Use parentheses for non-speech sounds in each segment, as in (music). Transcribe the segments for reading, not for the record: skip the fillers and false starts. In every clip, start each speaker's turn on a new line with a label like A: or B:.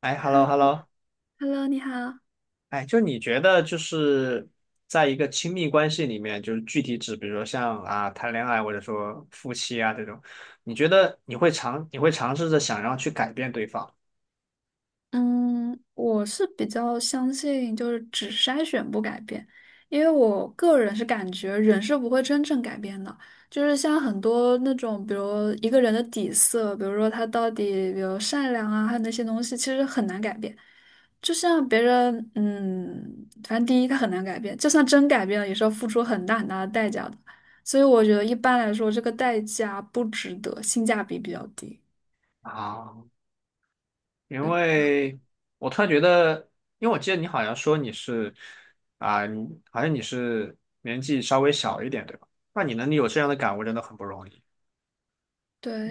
A: 哎，hello hello。
B: Hello，Hello，你好。
A: 哎，就你觉得就是在一个亲密关系里面，就是具体指，比如说像啊谈恋爱或者说夫妻啊这种，你觉得你会尝试着想要去改变对方
B: 嗯，我是比较相信就是只筛选不改变，因为我个人是感觉人是不会真正改变的。就是像很多那种，比如一个人的底色，比如说他到底，比如善良啊，还有那些东西，其实很难改变。就像别人，嗯，反正第一他很难改变，就算真改变了，也是要付出很大很大的代价的。所以我觉得一般来说，这个代价不值得，性价比比较低。
A: 啊？因为我突然觉得，因为我记得你好像说你是啊，你好像你是年纪稍微小一点，对吧？那你能有这样的感悟真的很不容易。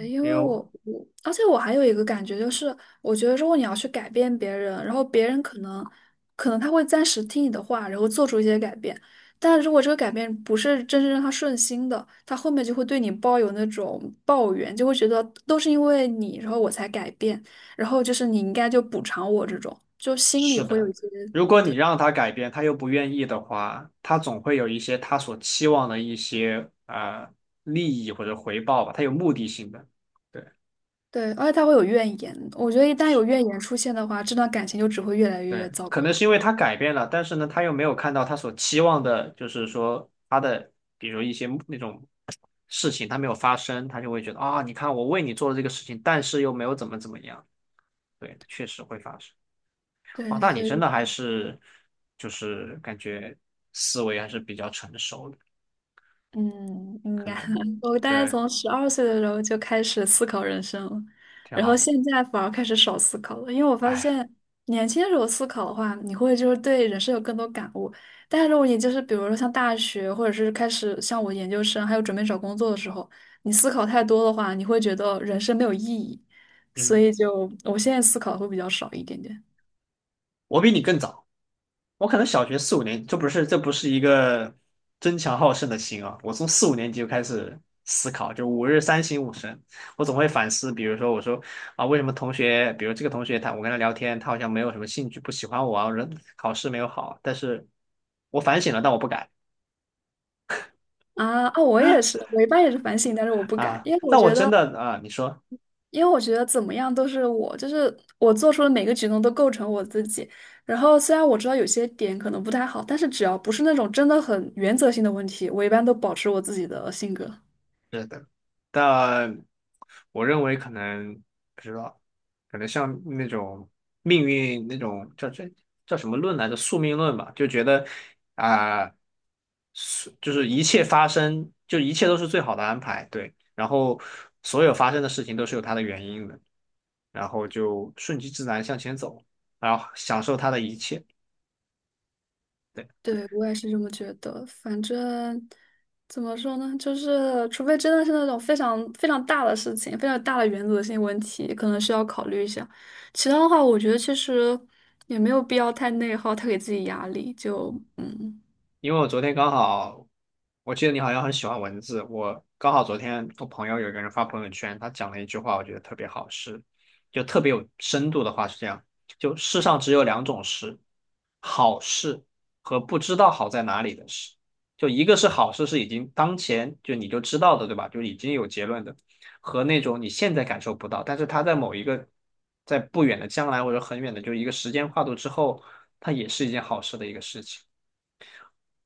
A: 因
B: 因
A: 为
B: 为我，而且我还有一个感觉就是，我觉得如果你要去改变别人，然后别人可能他会暂时听你的话，然后做出一些改变，但如果这个改变不是真正让他顺心的，他后面就会对你抱有那种抱怨，就会觉得都是因为你，然后我才改变，然后就是你应该就补偿我这种，就心里
A: 是
B: 会有一
A: 的，
B: 些，
A: 如果你让他改变，他又不愿意的话，他总会有一些他所期望的一些利益或者回报吧，他有目的性的。对，
B: 对，而且他会有怨言，我觉得一旦
A: 是，
B: 有怨言出现的话，这段感情就只会越来
A: 对，
B: 越糟
A: 可
B: 糕。
A: 能是因为他改变了，但是呢，他又没有看到他所期望的，就是说他的，比如一些那种事情他没有发生，他就会觉得啊，你看我为你做了这个事情，但是又没有怎么怎么样。对，确实会发生。哦，
B: 对，
A: 那你
B: 所
A: 真的
B: 以。
A: 还是就是感觉思维还是比较成熟的。
B: 嗯，应
A: 可
B: 该，
A: 能
B: (laughs) 我大概
A: 对，
B: 从12岁的时候就开始思考人生了，
A: 挺
B: 然后
A: 好的。
B: 现在反而开始少思考了，因为我发
A: 哎，
B: 现年轻的时候思考的话，你会就是对人生有更多感悟，但是如果你就是比如说像大学，或者是开始像我研究生，还有准备找工作的时候，你思考太多的话，你会觉得人生没有意义，所
A: 嗯，
B: 以就我现在思考会比较少一点点。
A: 我比你更早，我可能小学四五年，这不是一个争强好胜的心啊，我从四五年级就开始思考，就五日三省吾身，我总会反思，比如说我说啊，为什么同学，比如这个同学他我跟他聊天，他好像没有什么兴趣，不喜欢我啊，人考试没有好，但是我反省了，但我不改
B: 啊啊，我也是，我一般也是反省，但是我不敢，
A: 啊。
B: 因为我
A: 那我
B: 觉
A: 真
B: 得。
A: 的啊，你说。
B: 因为我觉得怎么样都是我，就是我做出的每个举动都构成我自己。然后虽然我知道有些点可能不太好，但是只要不是那种真的很原则性的问题，我一般都保持我自己的性格。
A: 是的，但我认为可能不知道，可能像那种命运那种叫这叫什么论来着？宿命论吧，就觉得啊，宿就是一切发生，就一切都是最好的安排。对。然后所有发生的事情都是有它的原因的，然后就顺其自然向前走，然后享受它的一切。对。
B: 对，我也是这么觉得。反正怎么说呢，就是除非真的是那种非常非常大的事情，非常大的原则性问题，可能需要考虑一下。其他的话，我觉得其实也没有必要太内耗，太给自己压力。就嗯。
A: 因为我昨天刚好，我记得你好像很喜欢文字，我刚好昨天我朋友有一个人发朋友圈，他讲了一句话，我觉得特别好，是就特别有深度的话是这样，就世上只有两种事，好事和不知道好在哪里的事，就一个是好事是已经当前就你就知道的，对吧？就已经有结论的，和那种你现在感受不到，但是它在某一个在不远的将来或者很远的就一个时间跨度之后，它也是一件好事的一个事情。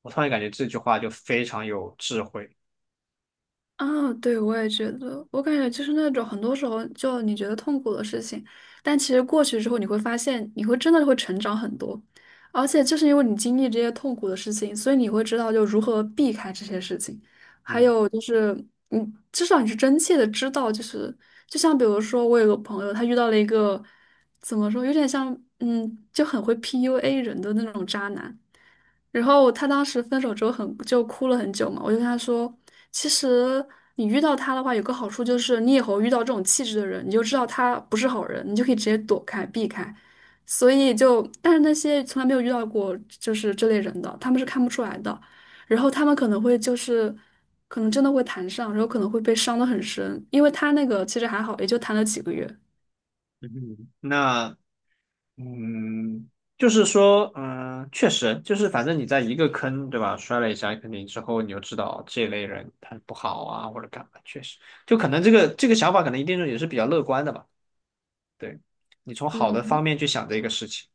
A: 我突然感觉这句话就非常有智慧。
B: 啊，对，我也觉得，我感觉就是那种很多时候就你觉得痛苦的事情，但其实过去之后你会发现，你会真的会成长很多，而且就是因为你经历这些痛苦的事情，所以你会知道就如何避开这些事情，还
A: 嗯
B: 有就是你至少你是真切的知道，就是就像比如说我有个朋友，他遇到了一个怎么说，有点像就很会 PUA 人的那种渣男。然后他当时分手之后很就哭了很久嘛，我就跟他说，其实你遇到他的话，有个好处就是你以后遇到这种气质的人，你就知道他不是好人，你就可以直接躲开避开。所以就，但是那些从来没有遇到过就是这类人的，他们是看不出来的。然后他们可能会就是，可能真的会谈上，然后可能会被伤得很深，因为他那个其实还好，也就谈了几个月。
A: 嗯，那嗯，就是说，嗯，确实，就是反正你在一个坑，对吧？摔了一下，肯定之后你就知道这类人他不好啊，或者干嘛，确实，就可能这个想法，可能一定是也是比较乐观的吧。对，你从好的方
B: 嗯，
A: 面去想这个事情。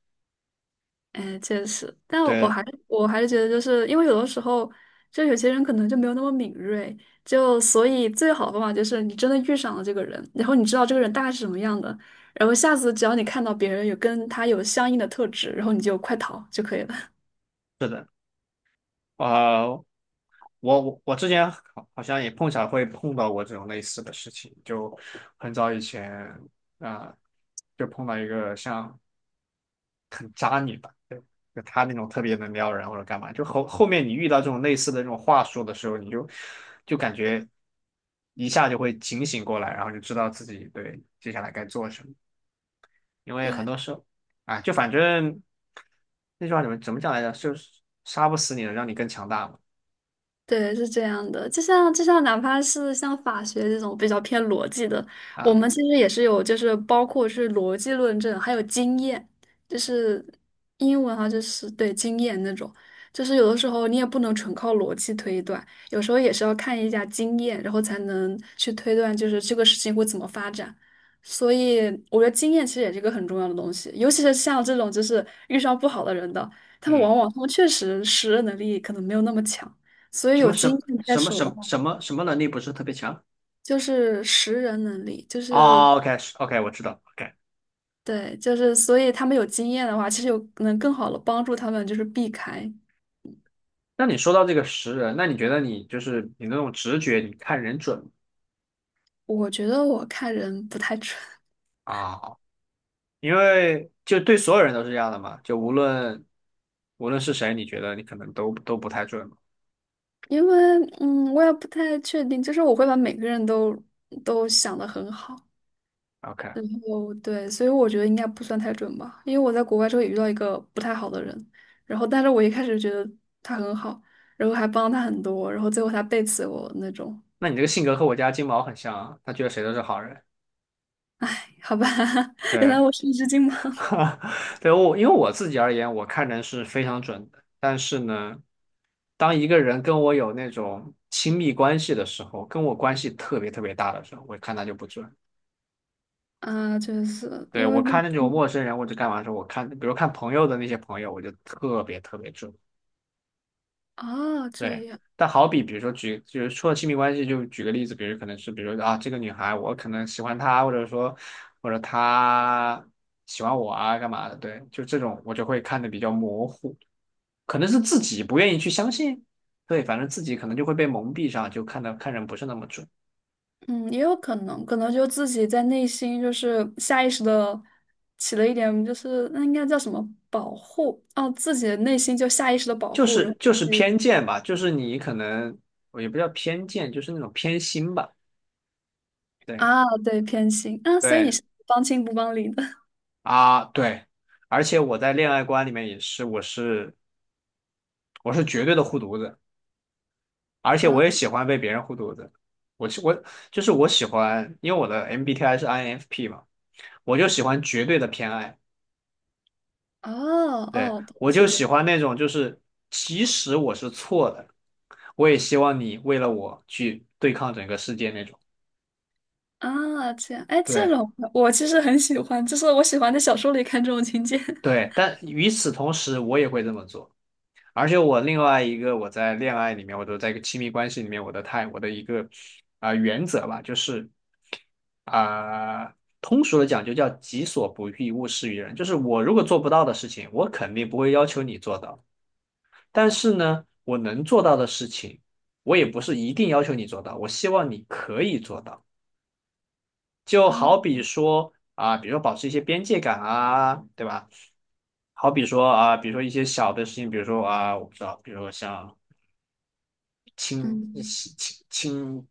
B: 哎，确实，但我我
A: 对，
B: 还是我还是觉得，就是因为有的时候，就有些人可能就没有那么敏锐，就所以最好的方法就是你真的遇上了这个人，然后你知道这个人大概是什么样的，然后下次只要你看到别人有跟他有相应的特质，然后你就快逃就可以了。(laughs)
A: 是的，啊、我之前好好像也碰巧会碰到过这种类似的事情，就很早以前啊、就碰到一个像很渣女吧，就就她那种特别能撩人或者干嘛，就后面你遇到这种类似的这种话术的时候，你就就感觉一下就会警醒过来，然后就知道自己对接下来该做什么，因为很
B: 对，
A: 多时候啊，就反正那句话怎么怎么讲来着，就是杀不死你的，让你更强大嘛。
B: 对，是这样的，就像就像哪怕是像法学这种比较偏逻辑的，我
A: 啊。
B: 们其实也是有，就是包括是逻辑论证，还有经验，就是英文哈，就是对经验那种，就是有的时候你也不能纯靠逻辑推断，有时候也是要看一下经验，然后才能去推断，就是这个事情会怎么发展。所以我觉得经验其实也是一个很重要的东西，尤其是像这种就是遇上不好的人的，他们
A: 嗯。
B: 往往他们确实识人能力可能没有那么强。所以
A: 什
B: 有
A: 么
B: 经
A: 什
B: 验在
A: 什么
B: 手
A: 什
B: 的
A: 么
B: 话，
A: 什么什么能力不是特别强？
B: 就是识人能力，就是
A: 哦，OK OK，我知道。OK，
B: 对，就是所以他们有经验的话，其实有能更好的帮助他们，就是避开。
A: 那你说到这个识人，那你觉得你就是你那种直觉，你看人准吗？
B: 我觉得我看人不太准，
A: 啊？因为就对所有人都是这样的嘛，就无论是谁，你觉得你可能都不太准嘛。
B: (laughs) 因为我也不太确定，就是我会把每个人都想得很好，
A: OK，
B: 然后对，所以我觉得应该不算太准吧，因为我在国外之后也遇到一个不太好的人，然后但是我一开始觉得他很好，然后还帮他很多，然后最后他背刺我那种，
A: 那你这个性格和我家金毛很像啊，他觉得谁都是好人。
B: 好吧。(laughs) 原
A: 对，
B: 来我是一只金毛。
A: (laughs) 对我因为我自己而言，我看人是非常准的，但是呢，当一个人跟我有那种亲密关系的时候，跟我关系特别特别大的时候，我看他就不准。
B: 啊，就是
A: 对，
B: 因
A: 我
B: 为毕
A: 看那种陌
B: 竟
A: 生人或者干嘛的时候，我看，比如看朋友的那些朋友，我就特别特别准。
B: 啊，这
A: 对，
B: 样，
A: 但好比比如说举，就是说亲密关系，就举个例子，比如可能是，比如说啊，这个女孩我可能喜欢她，或者说或者她喜欢我啊，干嘛的？对，就这种我就会看的比较模糊，可能是自己不愿意去相信，对，反正自己可能就会被蒙蔽上，就看的看人不是那么准。
B: 嗯，也有可能，可能就自己在内心就是下意识的起了一点，就是那应该叫什么保护哦，自己的内心就下意识的保
A: 就
B: 护，然
A: 是
B: 后
A: 就是偏见吧，就是你可能我也不叫偏见，就是那种偏心吧。对
B: 啊，对，偏心啊，所以你
A: 对
B: 是帮亲不帮理的
A: 啊对，而且我在恋爱观里面也是，我绝对的护犊子，而
B: (laughs)
A: 且我
B: 啊，
A: 也喜欢被别人护犊子。我是我就是我喜欢，因为我的 MBTI 是 INFP 嘛，我就喜欢绝对的偏爱。
B: 哦
A: 对，
B: 哦，
A: 我就
B: 是谢
A: 喜
B: 样
A: 欢那种就是即使我是错的，我也希望你为了我去对抗整个世界那种。
B: 啊，这样，哎，这
A: 对。
B: 种我其实很喜欢，就是我喜欢在小说里看这种情节
A: 对，但与此同时，我也会这么做。而且我另外一个，我在恋爱里面，我都在一个亲密关系里面，我的态，我的一个啊、原则吧，就是啊、通俗的讲就叫己所不欲，勿施于人。就是我如果做不到的事情，我肯定不会要求你做到。但是呢，我能做到的事情，我也不是一定要求你做到，我希望你可以做到。就
B: (laughs) 啊，
A: 好比说啊、比如说保持一些边界感啊，对吧？好比说啊，比如说一些小的事情，比如说啊，我不知道，比如说像清清
B: 嗯。
A: 清清，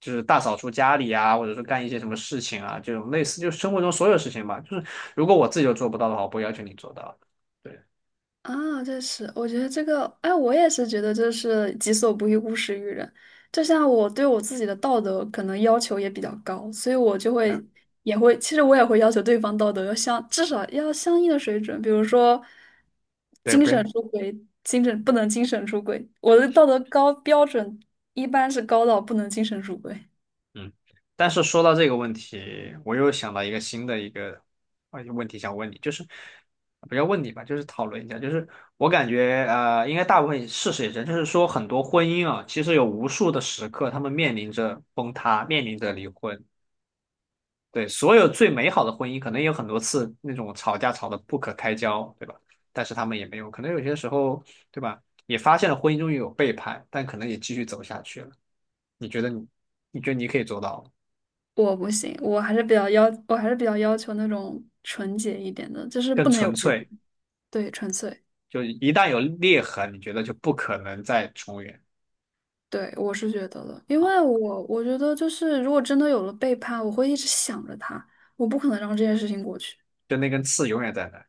A: 就是大扫除家里啊，或者说干一些什么事情啊，这种类似就是生活中所有事情吧。就是如果我自己都做不到的话，我不会要求你做到的。对，
B: 啊，这是我觉得这个，哎，我也是觉得这是己所不欲，勿施于人。就像我对我自己的道德可能要求也比较高，所以我就
A: 嗯，
B: 会也会，其实我也会要求对方道德要相，至少要相应的水准。比如说，
A: 对，
B: 精
A: 不要
B: 神出轨，精神不能精神出轨。我的道德高标准一般是高到不能精神出轨，
A: 嗯，但是说到这个问题，我又想到一个新的一个问题想问你，就是不要问你吧，就是讨论一下，就是我感觉，应该大部分事实也是，就是说很多婚姻啊，其实有无数的时刻，他们面临着崩塌，面临着离婚。对，所有最美好的婚姻，可能也有很多次那种吵架吵得不可开交，对吧？但是他们也没有，可能有些时候，对吧？也发现了婚姻中有背叛，但可能也继续走下去了。你觉得你，你觉得你可以做到吗？
B: 我不行，我还是比较要求那种纯洁一点的，就是
A: 更
B: 不能有
A: 纯
B: 背叛，
A: 粹。
B: 对，纯粹。
A: 就一旦有裂痕，你觉得就不可能再重圆
B: 对，我是觉得的，因
A: 啊，
B: 为我觉得就是，如果真的有了背叛，我会一直想着他，我不可能让这件事情过去。
A: 就那根刺永远在那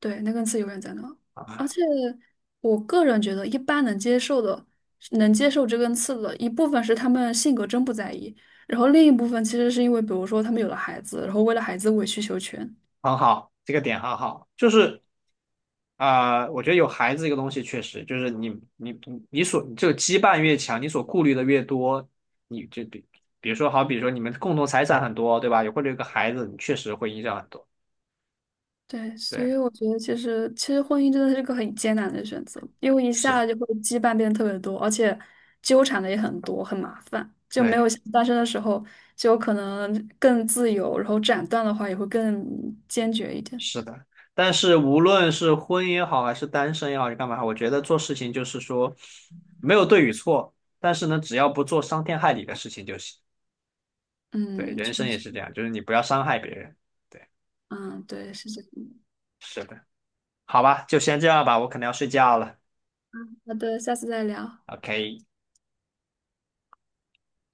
B: 对，那根刺永远在那。而
A: 啊。
B: 且我个人觉得，一般能接受的、能接受这根刺的一部分是他们性格真不在意，然后另一部分其实是因为，比如说他们有了孩子，然后为了孩子委曲求全。
A: 很好，这个点很好，就是啊、我觉得有孩子这个东西确实就是你所这个羁绊越强，你所顾虑的越多，你就比比如说好，比如说你们共同财产很多，对吧？有或者有个孩子，你确实会影响很多，
B: 对，所
A: 对，
B: 以我觉得其实婚姻真的是个很艰难的选择，因为一
A: 是，
B: 下就会羁绊变得特别多，而且纠缠的也很多，很麻烦，就没有
A: 对。
B: 像单身的时候就有可能更自由，然后斩断的话也会更坚决一点。
A: 是的，但是无论是婚姻也好，还是单身也好，还是干嘛也好我觉得做事情就是说没有对与错，但是呢，只要不做伤天害理的事情就行。对，
B: 嗯，
A: 人
B: 确
A: 生也
B: 实，
A: 是这样，就是你不要伤害别人。对，
B: 嗯，对，是这样的。
A: 是的，好吧，就先这样吧，我可能要睡觉了。
B: 好的，下次再聊。
A: OK。